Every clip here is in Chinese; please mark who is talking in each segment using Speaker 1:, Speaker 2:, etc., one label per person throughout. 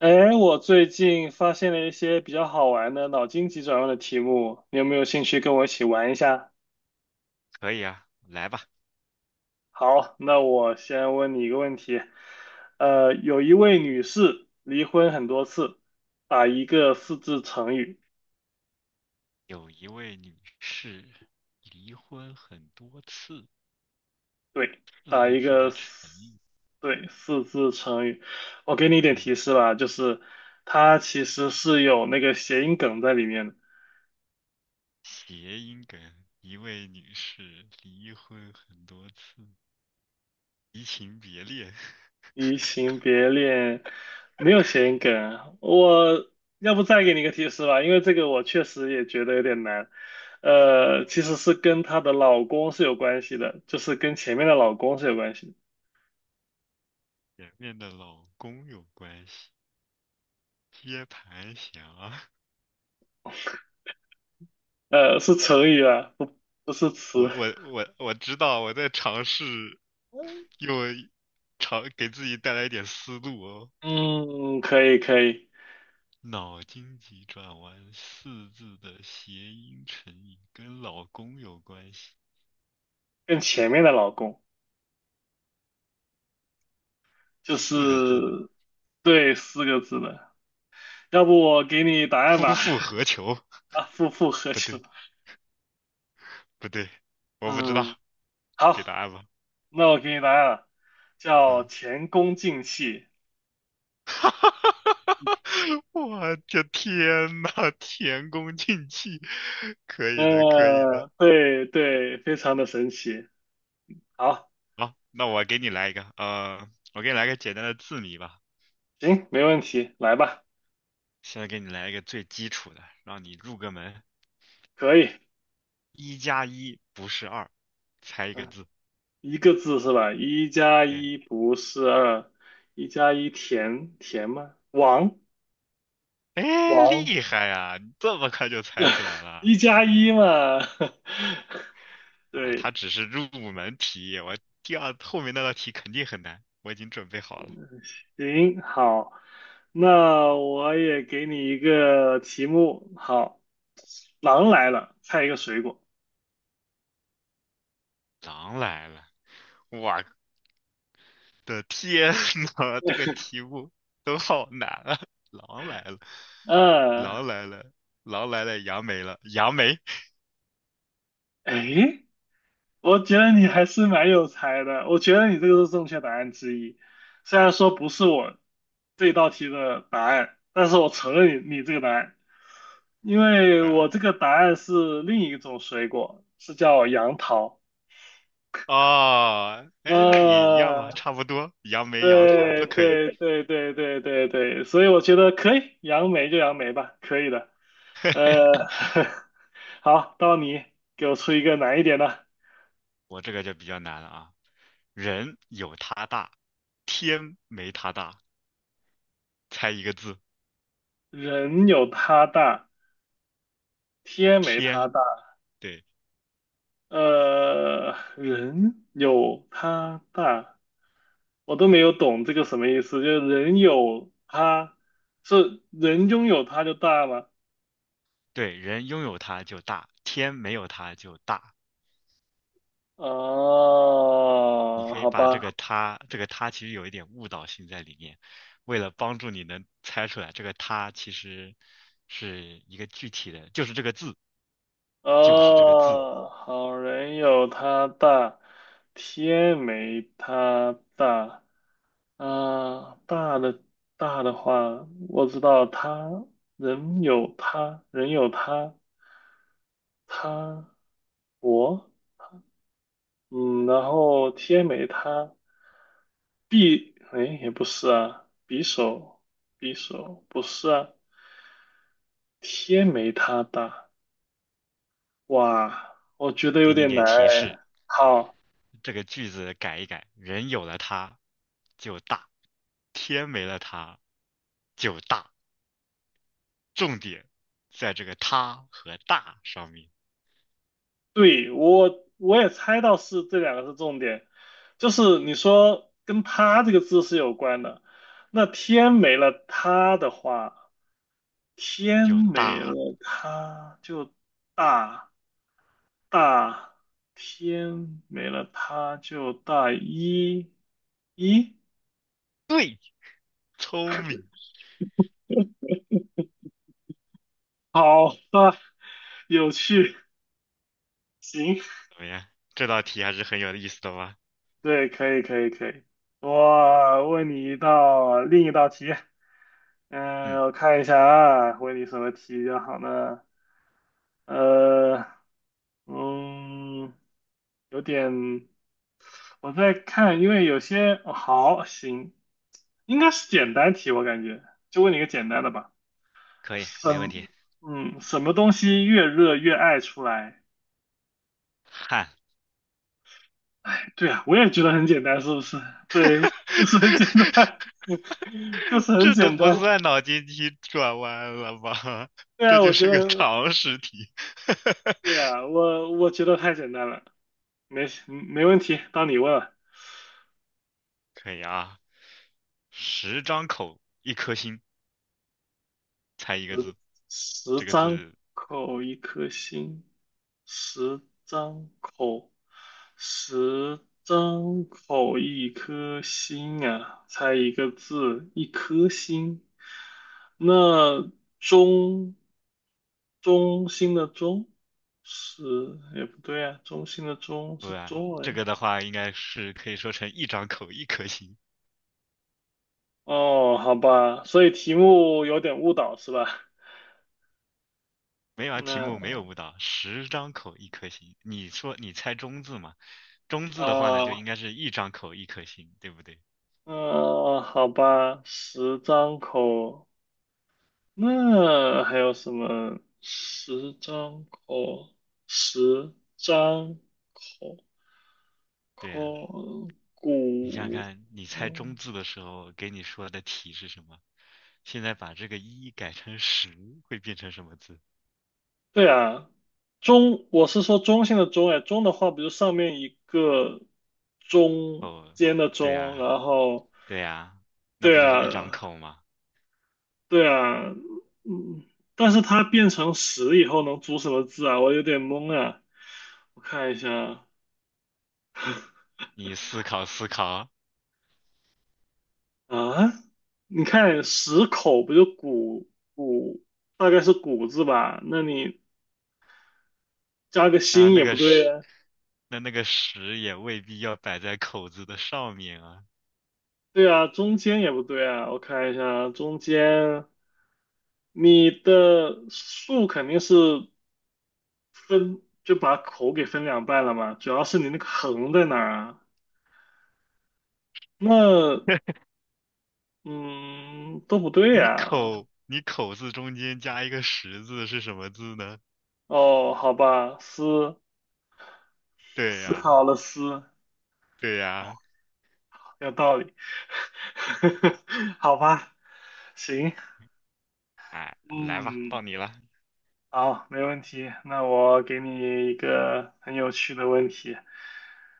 Speaker 1: 哎，我最近发现了一些比较好玩的脑筋急转弯的题目，你有没有兴趣跟我一起玩一下？
Speaker 2: 可以啊，来吧。
Speaker 1: 好，那我先问你一个问题。有一位女士离婚很多次，打一个四字成语。
Speaker 2: 有一位女士离婚很多次，
Speaker 1: 对，
Speaker 2: 四
Speaker 1: 打
Speaker 2: 个
Speaker 1: 一
Speaker 2: 字
Speaker 1: 个
Speaker 2: 的成
Speaker 1: 四，
Speaker 2: 语，
Speaker 1: 对，四字成语。我给你一点
Speaker 2: 嗯，
Speaker 1: 提示吧，就是它其实是有那个谐音梗在里面的。
Speaker 2: 谐音梗。一位女士离婚很多次，移情别恋，
Speaker 1: 移情别恋没有谐音梗啊我要不再给你个提示吧，因为这个我确实也觉得有点难。其实是跟她的老公是有关系的，就是跟前面的老公是有关系的
Speaker 2: 前面的老公有关系，接盘侠。
Speaker 1: 是成语啊，不是 词。
Speaker 2: 我知道，我在尝试
Speaker 1: 嗯
Speaker 2: 用尝给自己带来一点思路哦。
Speaker 1: 嗯可以，
Speaker 2: 脑筋急转弯四字的谐音成语跟老公有关系，
Speaker 1: 跟前面的老公就
Speaker 2: 四个字的
Speaker 1: 是对四个字的，要不我给你答案
Speaker 2: 夫
Speaker 1: 吧？
Speaker 2: 复何求？
Speaker 1: 啊，复复合
Speaker 2: 不
Speaker 1: 球。
Speaker 2: 对，不对，我不知道，
Speaker 1: 嗯，
Speaker 2: 给答
Speaker 1: 好。
Speaker 2: 案吧。
Speaker 1: 那我给你答案，叫
Speaker 2: 嗯，
Speaker 1: 前功尽弃。
Speaker 2: 哈哈哈哈哈哈！我的天呐，前功尽弃，可以的，可以的。
Speaker 1: 对对，非常的神奇。好，
Speaker 2: 好，那我给你来一个，我给你来个简单的字谜吧。
Speaker 1: 行，没问题，来吧，
Speaker 2: 现在给你来一个最基础的，让你入个门。
Speaker 1: 可以。
Speaker 2: 一加一不是二，猜一个
Speaker 1: 嗯，
Speaker 2: 字。
Speaker 1: 一个字是吧？一加
Speaker 2: 对。
Speaker 1: 一不是二，一加一填填吗？王
Speaker 2: 哎，
Speaker 1: 王，
Speaker 2: 厉害呀！你这么快就猜出来了。
Speaker 1: 一加一嘛。
Speaker 2: 哎，它
Speaker 1: 对，
Speaker 2: 只是入门题，我第二后面那道题肯定很难，我已经准备好了。
Speaker 1: 行，好，那我也给你一个题目。好，狼来了，猜一个水果。
Speaker 2: 狼来了，我的天呐，这个题目都好难啊！狼来了，
Speaker 1: 嗯、呃，
Speaker 2: 狼来了，狼来了，杨梅了，杨梅
Speaker 1: 哎。我觉得你还是蛮有才的，我觉得你这个是正确答案之一。虽然说不是我这道题的答案，但是我承认你这个答案，因为我
Speaker 2: 啊！
Speaker 1: 这个答案是另一种水果，是叫杨桃。
Speaker 2: 哦，哎，那也一样吧，
Speaker 1: 呃，
Speaker 2: 差不多，杨梅、杨桃
Speaker 1: 对
Speaker 2: 都可以。
Speaker 1: 对对对对对对，所以我觉得可以，杨梅就杨梅吧，可以的。呃，好，到你给我出一个难一点的。
Speaker 2: 我这个就比较难了啊，人有它大，天没它大。猜一个字，
Speaker 1: 人有他大，天没他
Speaker 2: 天。
Speaker 1: 大。
Speaker 2: 对
Speaker 1: 人有他大，我都没有懂这个什么意思。就是人有他，是人拥有他就大吗？
Speaker 2: 对，人拥有它就大，天没有它就大。你
Speaker 1: 哦，
Speaker 2: 可以
Speaker 1: 好
Speaker 2: 把这
Speaker 1: 吧，
Speaker 2: 个它，这个它其实有一点误导性在里面。为了帮助你能猜出来，这个它其实是一个具体的，就是这个字，就是这个字，
Speaker 1: 哦，好人有他大，天没他大。啊，大的大的话，我知道他人有他，人有他，他我。嗯，然后天没它匕，哎，也不是啊，匕首，匕首不是啊，天没它大，哇，我觉得有
Speaker 2: 给你
Speaker 1: 点难
Speaker 2: 点提示。
Speaker 1: 哎。好，
Speaker 2: 这个句子改一改，人有了它就大，天没了它就大。重点在这个它和大上面，
Speaker 1: 对，我也猜到是这两个是重点，就是你说跟它这个字是有关的，那天没了它的话，天
Speaker 2: 就
Speaker 1: 没
Speaker 2: 大
Speaker 1: 了
Speaker 2: 了。
Speaker 1: 它就大。大天没了他就大一，一，
Speaker 2: 对，聪明。
Speaker 1: 好吧，有趣，行，
Speaker 2: 怎么样？这道题还是很有意思的吧？
Speaker 1: 对，可以，可以，可以。我问你一道另一道题，嗯，
Speaker 2: 嗯，
Speaker 1: 我看一下啊，问你什么题比较好呢？呃，嗯，有点，我在看，因为有些，哦好，行，应该是简单题，我感觉，就问你一个简单的吧。
Speaker 2: 可以，
Speaker 1: 什，
Speaker 2: 没问题。
Speaker 1: 什么东西越热越爱出来？
Speaker 2: 汗，
Speaker 1: 对啊，我也觉得很简单，是不是？对，就是很简单，就是很
Speaker 2: 这都
Speaker 1: 简单。
Speaker 2: 不算脑筋急转弯了吧？
Speaker 1: 对
Speaker 2: 这
Speaker 1: 啊，
Speaker 2: 就
Speaker 1: 我觉
Speaker 2: 是个
Speaker 1: 得，
Speaker 2: 常识题。
Speaker 1: 对啊，我觉得太简单了，没问题，到你问了。
Speaker 2: 可以啊，十张口，一颗心，猜一个
Speaker 1: 十
Speaker 2: 字。
Speaker 1: 十
Speaker 2: 这个
Speaker 1: 张
Speaker 2: 字
Speaker 1: 口一颗心，十张口，十张口一颗心啊，猜一个字，一颗心。那中中心的中是，也不对啊，中心的中
Speaker 2: 不
Speaker 1: 是
Speaker 2: 然，这
Speaker 1: joy
Speaker 2: 个的话应该是可以说成一张口一颗心。
Speaker 1: 哦，好吧，所以题目有点误导是吧？
Speaker 2: 没有啊，题目没有
Speaker 1: 那
Speaker 2: 误导，十张口一颗心。你说你猜中字嘛？中字的话呢，就
Speaker 1: 啊。
Speaker 2: 应该是一张口一颗心，对不对？
Speaker 1: 好吧，十张口，那还有什么？十张口，十张口，
Speaker 2: 对呀，
Speaker 1: 口
Speaker 2: 你想想
Speaker 1: 骨，
Speaker 2: 看，你猜中
Speaker 1: 嗯
Speaker 2: 字的时候给你说的体是什么？现在把这个一改成十，会变成什么字？
Speaker 1: 对啊，中，我是说中性的中，哎，中的话比如上面一个中
Speaker 2: 哦，
Speaker 1: 间的
Speaker 2: 对
Speaker 1: 中，
Speaker 2: 呀，
Speaker 1: 然后，
Speaker 2: 对呀，那
Speaker 1: 对
Speaker 2: 不就是一张
Speaker 1: 啊，
Speaker 2: 口吗？
Speaker 1: 对啊，嗯，但是它变成十以后能组什么字啊？我有点懵啊，我看一下啊。
Speaker 2: 你思考思考，
Speaker 1: 啊，你看十口不就谷谷，大概是谷字吧？那你加个
Speaker 2: 那
Speaker 1: 心
Speaker 2: 那
Speaker 1: 也不
Speaker 2: 个
Speaker 1: 对
Speaker 2: 十，
Speaker 1: 呀。
Speaker 2: 那那个十也未必要摆在口字的上面啊。
Speaker 1: 对啊，中间也不对啊。我看一下啊，中间你的竖肯定是分，就把口给分两半了嘛。主要是你那个横在哪儿啊？那嗯，都不对
Speaker 2: 你
Speaker 1: 呀。
Speaker 2: 口，你口字中间加一个十字是什么字呢？
Speaker 1: 哦，好吧，思
Speaker 2: 对
Speaker 1: 思
Speaker 2: 呀，
Speaker 1: 考了思，
Speaker 2: 对呀，
Speaker 1: 有道理。好吧，行。
Speaker 2: 哎，来吧，
Speaker 1: 嗯，
Speaker 2: 到你了。
Speaker 1: 好，没问题。那我给你一个很有趣的问题，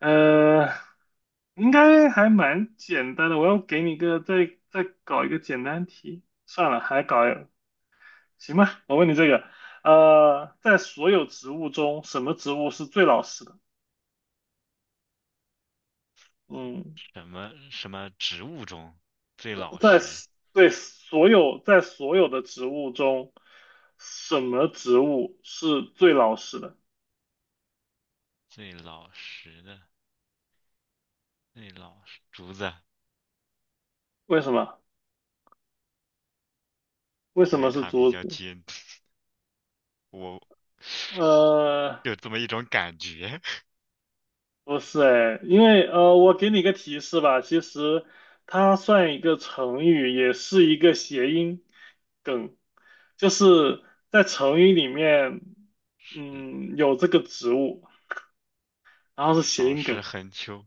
Speaker 1: 呃，应该还蛮简单的。我要给你一个再再搞一个简单题，算了，还搞行吧。我问你这个，在所有植物中，什么植物是最老实的？嗯，
Speaker 2: 什么什么植物中最老实？
Speaker 1: 对所有在所有的植物中，什么植物是最老实的？
Speaker 2: 最老实的，最老实，竹子，
Speaker 1: 为什么？为
Speaker 2: 因
Speaker 1: 什么
Speaker 2: 为
Speaker 1: 是
Speaker 2: 它比
Speaker 1: 竹
Speaker 2: 较
Speaker 1: 子？
Speaker 2: 尖，我
Speaker 1: 呃。
Speaker 2: 有这么一种感觉。
Speaker 1: 不是哎，因为我给你个提示吧，其实它算一个成语，也是一个谐音梗，就是在成语里面，嗯，有这个植物，然后是谐
Speaker 2: 老
Speaker 1: 音梗，
Speaker 2: 实横秋，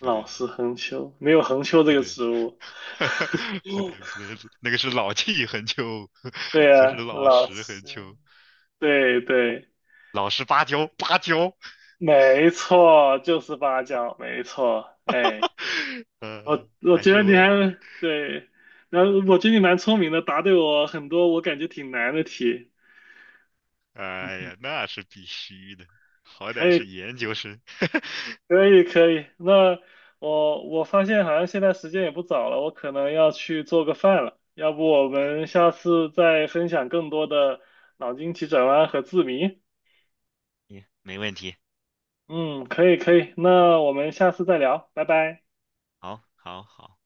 Speaker 2: 不对，
Speaker 1: 实横秋，没有横秋这
Speaker 2: 不
Speaker 1: 个
Speaker 2: 对，
Speaker 1: 植物。
Speaker 2: 不对，不 对，那个是老气横秋，
Speaker 1: 对
Speaker 2: 不是
Speaker 1: 呀，
Speaker 2: 老
Speaker 1: 老
Speaker 2: 实横
Speaker 1: 师，
Speaker 2: 秋，
Speaker 1: 对对，
Speaker 2: 老实芭蕉，芭蕉。
Speaker 1: 没错，就是八角，没错，哎，我
Speaker 2: 还
Speaker 1: 觉得
Speaker 2: 是
Speaker 1: 你
Speaker 2: 我，
Speaker 1: 还对，然后我觉得你蛮聪明的，答对我很多我感觉挺难的题。
Speaker 2: 哎
Speaker 1: 嗯，
Speaker 2: 呀，那是必须的，好
Speaker 1: 可
Speaker 2: 歹是
Speaker 1: 以，
Speaker 2: 研究生，
Speaker 1: 可以，可以。那我发现好像现在时间也不早了，我可能要去做个饭了。要不我们下次再分享更多的脑筋急转弯和字谜？
Speaker 2: 你没问题，
Speaker 1: 嗯，可以，可以。那我们下次再聊，拜拜。
Speaker 2: 好，好，好。